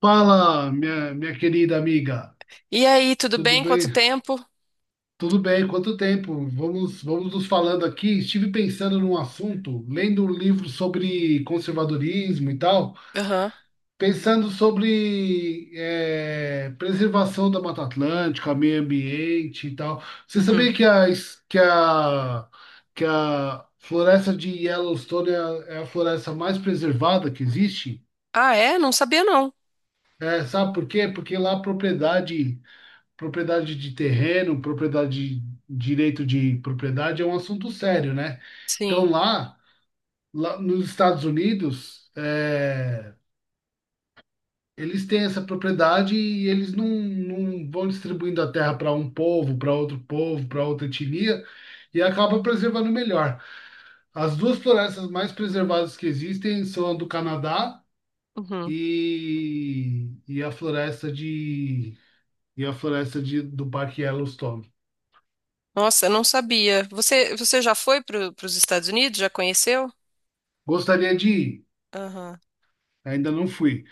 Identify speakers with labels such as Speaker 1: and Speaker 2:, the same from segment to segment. Speaker 1: Fala, minha querida amiga.
Speaker 2: E aí, tudo
Speaker 1: Tudo
Speaker 2: bem?
Speaker 1: bem?
Speaker 2: Quanto tempo?
Speaker 1: Tudo bem, quanto tempo? Vamos nos falando aqui. Estive pensando num assunto, lendo um livro sobre conservadorismo e tal,
Speaker 2: Aham.
Speaker 1: pensando sobre preservação da Mata Atlântica, meio ambiente e tal. Você sabia
Speaker 2: Uhum.
Speaker 1: que a, es- que a floresta de Yellowstone é a floresta mais preservada que existe?
Speaker 2: Ah, é? Não sabia, não.
Speaker 1: É, sabe por quê? Porque lá a propriedade de terreno, propriedade, direito de propriedade é um assunto sério, né? Então
Speaker 2: Sim.
Speaker 1: lá nos Estados Unidos, eles têm essa propriedade e eles não vão distribuindo a terra para um povo, para outro povo, para outra etnia. E acaba preservando melhor. As duas florestas mais preservadas que existem são a do Canadá
Speaker 2: Uhum.
Speaker 1: e a floresta de e a floresta do Parque Yellowstone.
Speaker 2: Nossa, eu não sabia. Você já foi para os Estados Unidos? Já conheceu?
Speaker 1: Gostaria de ir.
Speaker 2: Aham.
Speaker 1: Ainda não fui,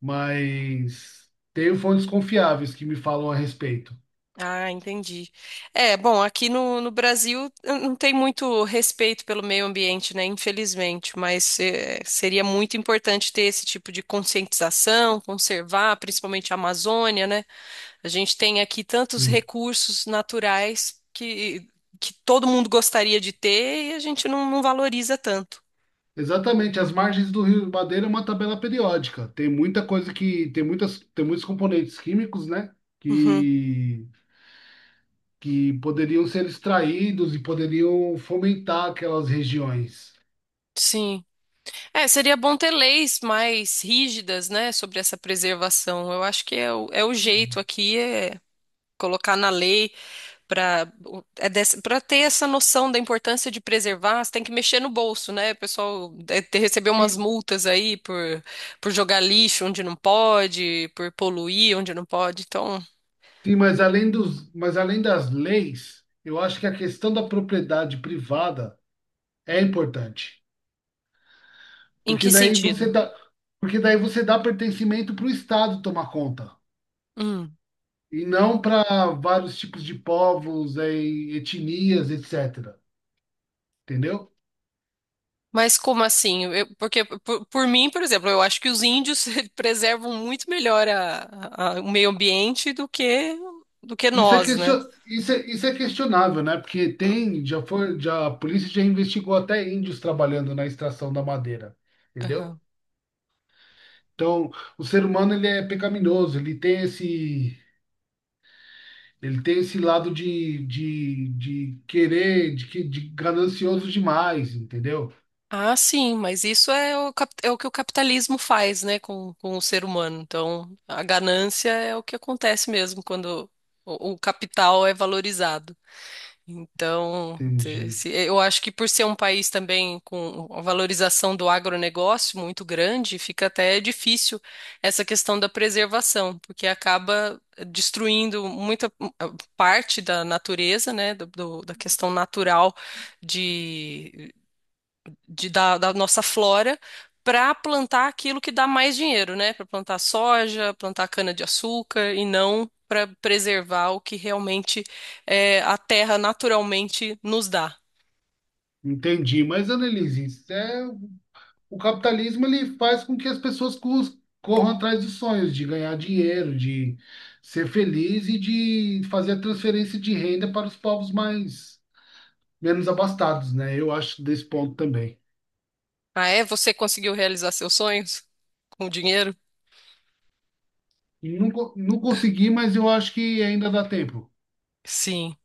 Speaker 1: mas tenho fontes confiáveis que me falam a respeito.
Speaker 2: Ah, entendi. É, bom, aqui no Brasil não tem muito respeito pelo meio ambiente, né? Infelizmente, mas seria muito importante ter esse tipo de conscientização, conservar, principalmente a Amazônia, né? A gente tem aqui tantos
Speaker 1: Sim.
Speaker 2: recursos naturais que todo mundo gostaria de ter e a gente não valoriza tanto.
Speaker 1: Exatamente, as margens do Rio Madeira é uma tabela periódica. Tem muita coisa que tem muitas tem muitos componentes químicos, né?
Speaker 2: Uhum,
Speaker 1: Que que poderiam ser extraídos e poderiam fomentar aquelas regiões.
Speaker 2: sim. É, seria bom ter leis mais rígidas, né, sobre essa preservação. Eu acho que é é o jeito aqui, é colocar na lei para é para ter essa noção da importância de preservar, você tem que mexer no bolso, né? O pessoal recebeu umas
Speaker 1: Sim,
Speaker 2: multas aí por jogar lixo onde não pode, por poluir onde não pode. Então,
Speaker 1: sim, mas além das leis, eu acho que a questão da propriedade privada é importante,
Speaker 2: em
Speaker 1: porque
Speaker 2: que
Speaker 1: daí você
Speaker 2: sentido?
Speaker 1: dá, porque daí você dá pertencimento para o Estado tomar conta,
Speaker 2: Hum.
Speaker 1: e não para vários tipos de povos, etnias, etc. Entendeu?
Speaker 2: Mas como assim? Porque, por mim, por exemplo, eu acho que os índios preservam muito melhor o meio ambiente do que
Speaker 1: Isso é,
Speaker 2: nós, né?
Speaker 1: question... isso é, isso é questionável, né? Porque tem, já foi, já, a polícia já investigou até índios trabalhando na extração da madeira, entendeu?
Speaker 2: Aham.
Speaker 1: Então, o ser humano, ele é pecaminoso, ele tem esse lado de querer, de ganancioso demais, entendeu?
Speaker 2: Ah, sim, mas isso é é o que o capitalismo faz, né, com o ser humano. Então, a ganância é o que acontece mesmo quando o capital é valorizado. Então,
Speaker 1: Entendi.
Speaker 2: eu acho que por ser um país também com a valorização do agronegócio muito grande, fica até difícil essa questão da preservação, porque acaba destruindo muita parte da natureza, né, da questão natural da, da nossa flora para plantar aquilo que dá mais dinheiro, né? Para plantar soja, plantar cana-de-açúcar e não para preservar o que realmente a terra naturalmente nos dá.
Speaker 1: Entendi. Mas, Annelise, o capitalismo ele faz com que as pessoas corram atrás dos sonhos, de ganhar dinheiro, de ser feliz e de fazer a transferência de renda para os povos mais menos abastados, né? Eu acho desse ponto também.
Speaker 2: Ah, é? Você conseguiu realizar seus sonhos com o dinheiro?
Speaker 1: E não, não consegui, mas eu acho que ainda dá tempo.
Speaker 2: Sim.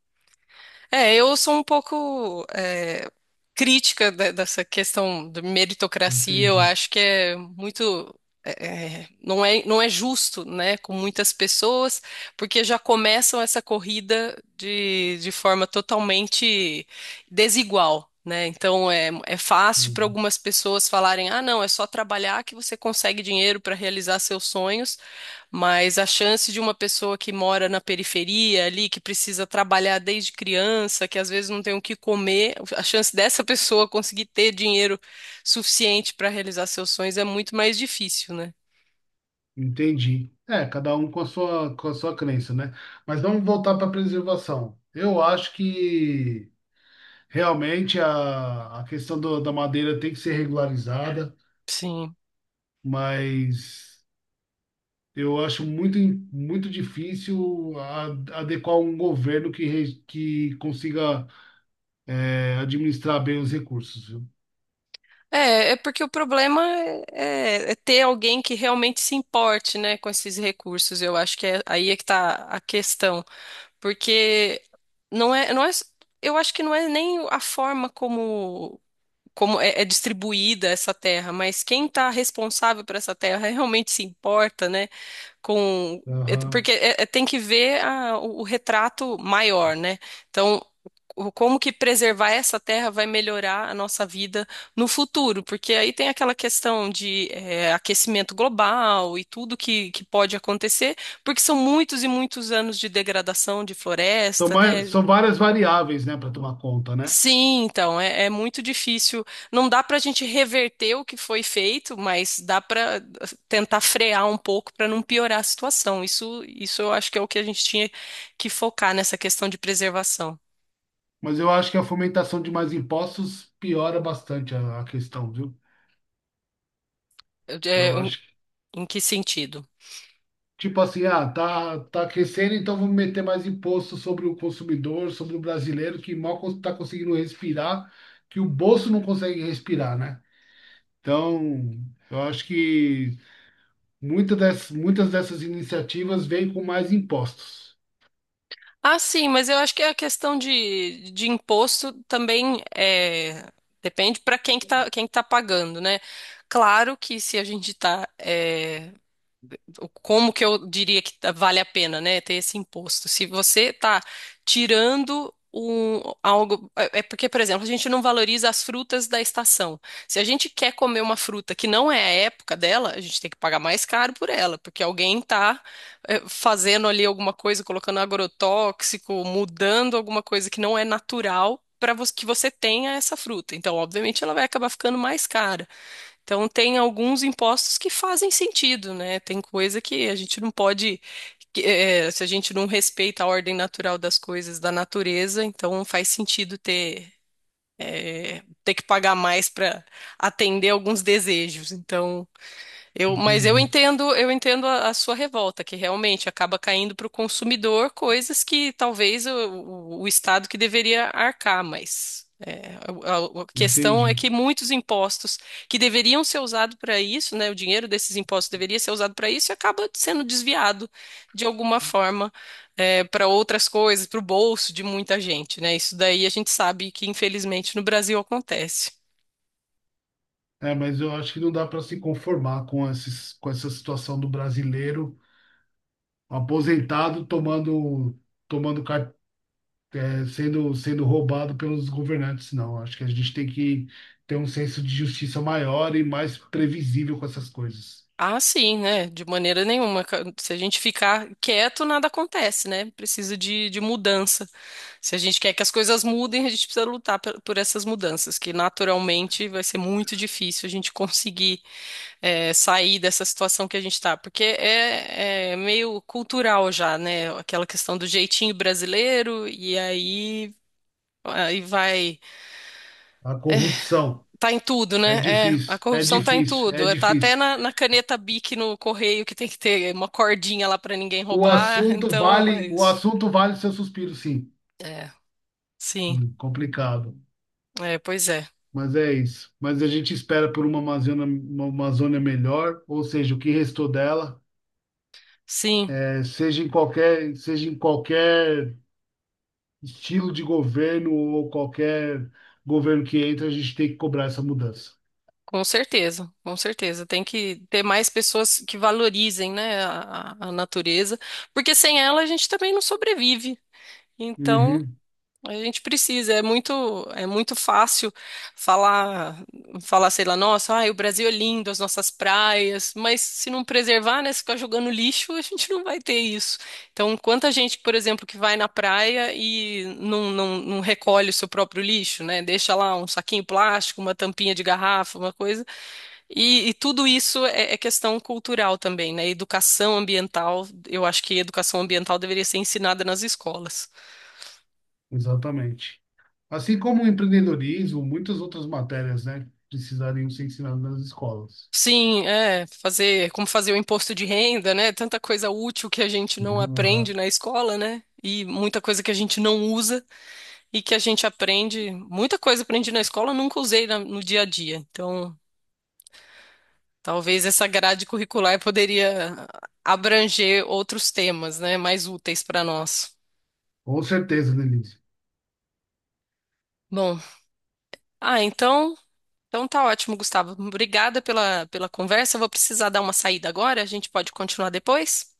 Speaker 2: É, eu sou um pouco crítica dessa questão da meritocracia. Eu
Speaker 1: Entendi.
Speaker 2: acho que é muito. é, não é, não é justo, né, com muitas pessoas, porque já começam essa corrida de forma totalmente desigual, né? Então é, é fácil para
Speaker 1: Uhum.
Speaker 2: algumas pessoas falarem: ah, não, é só trabalhar que você consegue dinheiro para realizar seus sonhos. Mas a chance de uma pessoa que mora na periferia ali, que precisa trabalhar desde criança, que às vezes não tem o que comer, a chance dessa pessoa conseguir ter dinheiro suficiente para realizar seus sonhos é muito mais difícil, né?
Speaker 1: Entendi. É, cada um com a sua crença, né? Mas vamos voltar para a preservação. Eu acho que realmente a questão da madeira tem que ser regularizada.
Speaker 2: Sim.
Speaker 1: Mas eu acho muito, muito difícil adequar um governo que que consiga administrar bem os recursos, viu?
Speaker 2: É, é porque o problema é, é ter alguém que realmente se importe, né, com esses recursos. Eu acho que é, aí é que tá a questão. Porque não é, não é, eu acho que não é nem a forma como é, é distribuída essa terra, mas quem está responsável por essa terra realmente se importa, né? Com
Speaker 1: Aham.
Speaker 2: porque tem que ver o retrato maior, né? Então como que preservar essa terra vai melhorar a nossa vida no futuro? Porque aí tem aquela questão de aquecimento global e tudo que pode acontecer, porque são muitos e muitos anos de degradação de
Speaker 1: Então,
Speaker 2: floresta, né?
Speaker 1: mas são várias variáveis, né, para tomar conta, né?
Speaker 2: Sim, então, é, é muito difícil. Não dá para a gente reverter o que foi feito, mas dá para tentar frear um pouco para não piorar a situação. Isso eu acho que é o que a gente tinha que focar nessa questão de preservação.
Speaker 1: Mas eu acho que a fomentação de mais impostos piora bastante a questão, viu?
Speaker 2: É,
Speaker 1: Eu acho que,
Speaker 2: em que sentido?
Speaker 1: tipo assim, ah, tá aquecendo, então vamos meter mais imposto sobre o consumidor, sobre o brasileiro, que mal está conseguindo respirar, que o bolso não consegue respirar, né? Então, eu acho que muitas dessas iniciativas vêm com mais impostos.
Speaker 2: Ah, sim, mas eu acho que a questão de imposto também é, depende para quem que tá pagando, né? Claro que se a gente está como que eu diria que vale a pena, né, ter esse imposto. Se você está tirando um, algo, é porque, por exemplo, a gente não valoriza as frutas da estação. Se a gente quer comer uma fruta que não é a época dela, a gente tem que pagar mais caro por ela, porque alguém está fazendo ali alguma coisa, colocando agrotóxico, mudando alguma coisa que não é natural para que você tenha essa fruta. Então, obviamente, ela vai acabar ficando mais cara. Então, tem alguns impostos que fazem sentido, né? Tem coisa que a gente não pode, que, se a gente não respeita a ordem natural das coisas, da natureza, então faz sentido ter, ter que pagar mais para atender alguns desejos. Então, mas
Speaker 1: Entendi,
Speaker 2: eu entendo a sua revolta, que realmente acaba caindo para o consumidor coisas que talvez o Estado que deveria arcar, mas é, a, a questão é
Speaker 1: entendi.
Speaker 2: que muitos impostos que deveriam ser usados para isso, né, o dinheiro desses impostos deveria ser usado para isso, e acaba sendo desviado de alguma forma para outras coisas, para o bolso de muita gente, né? Isso daí a gente sabe que infelizmente no Brasil acontece.
Speaker 1: É, mas eu acho que não dá para se conformar com essa situação do brasileiro aposentado tomando, tomando, car- eh, sendo, sendo roubado pelos governantes, não. Acho que a gente tem que ter um senso de justiça maior e mais previsível com essas coisas.
Speaker 2: Ah, sim, né? De maneira nenhuma. Se a gente ficar quieto, nada acontece, né? Precisa de mudança. Se a gente quer que as coisas mudem, a gente precisa lutar por essas mudanças, que naturalmente vai ser muito difícil a gente conseguir sair dessa situação que a gente está, porque é, é meio cultural já, né? Aquela questão do jeitinho brasileiro, e aí, aí vai.
Speaker 1: A corrupção
Speaker 2: Tá em tudo,
Speaker 1: é
Speaker 2: né? É, a
Speaker 1: difícil, é
Speaker 2: corrupção tá em
Speaker 1: difícil, é
Speaker 2: tudo. Tá até
Speaker 1: difícil.
Speaker 2: na caneta Bic no correio que tem que ter uma cordinha lá pra ninguém
Speaker 1: O
Speaker 2: roubar.
Speaker 1: assunto
Speaker 2: Então, é
Speaker 1: vale, o
Speaker 2: isso.
Speaker 1: assunto vale seu suspiro, sim.
Speaker 2: É, sim.
Speaker 1: Complicado.
Speaker 2: É, pois é.
Speaker 1: Mas é isso. Mas a gente espera por uma Amazônia melhor, ou seja, o que restou dela,
Speaker 2: Sim,
Speaker 1: eh, seja em qualquer estilo de governo ou qualquer governo que entra, a gente tem que cobrar essa mudança.
Speaker 2: com certeza, com certeza. Tem que ter mais pessoas que valorizem, né, a natureza, porque sem ela a gente também não sobrevive. Então,
Speaker 1: Uhum,
Speaker 2: a gente precisa, é muito fácil falar, falar, sei lá, nossa, ai, o Brasil é lindo, as nossas praias, mas se não preservar, né, se ficar jogando lixo, a gente não vai ter isso. Então, quanta gente, por exemplo, que vai na praia e não recolhe o seu próprio lixo, né, deixa lá um saquinho plástico, uma tampinha de garrafa, uma coisa, e tudo isso é, é questão cultural também, né, educação ambiental. Eu acho que educação ambiental deveria ser ensinada nas escolas.
Speaker 1: exatamente. Assim como o empreendedorismo, muitas outras matérias, né, precisariam ser ensinadas nas escolas.
Speaker 2: Sim, é, fazer, como fazer o imposto de renda, né? Tanta coisa útil que a gente não
Speaker 1: Uhum,
Speaker 2: aprende
Speaker 1: aham.
Speaker 2: na escola, né? E muita coisa que a gente não usa e que a gente aprende, muita coisa aprendi na escola, eu nunca usei no dia a dia. Então, talvez essa grade curricular poderia abranger outros temas, né, mais úteis para nós.
Speaker 1: Com certeza, Denise.
Speaker 2: Bom, ah, então, então tá ótimo, Gustavo. Obrigada pela pela conversa. Eu vou precisar dar uma saída agora, a gente pode continuar depois?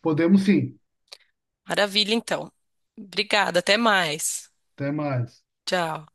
Speaker 1: Podemos sim.
Speaker 2: Maravilha, então. Obrigada, até mais.
Speaker 1: Até mais.
Speaker 2: Tchau.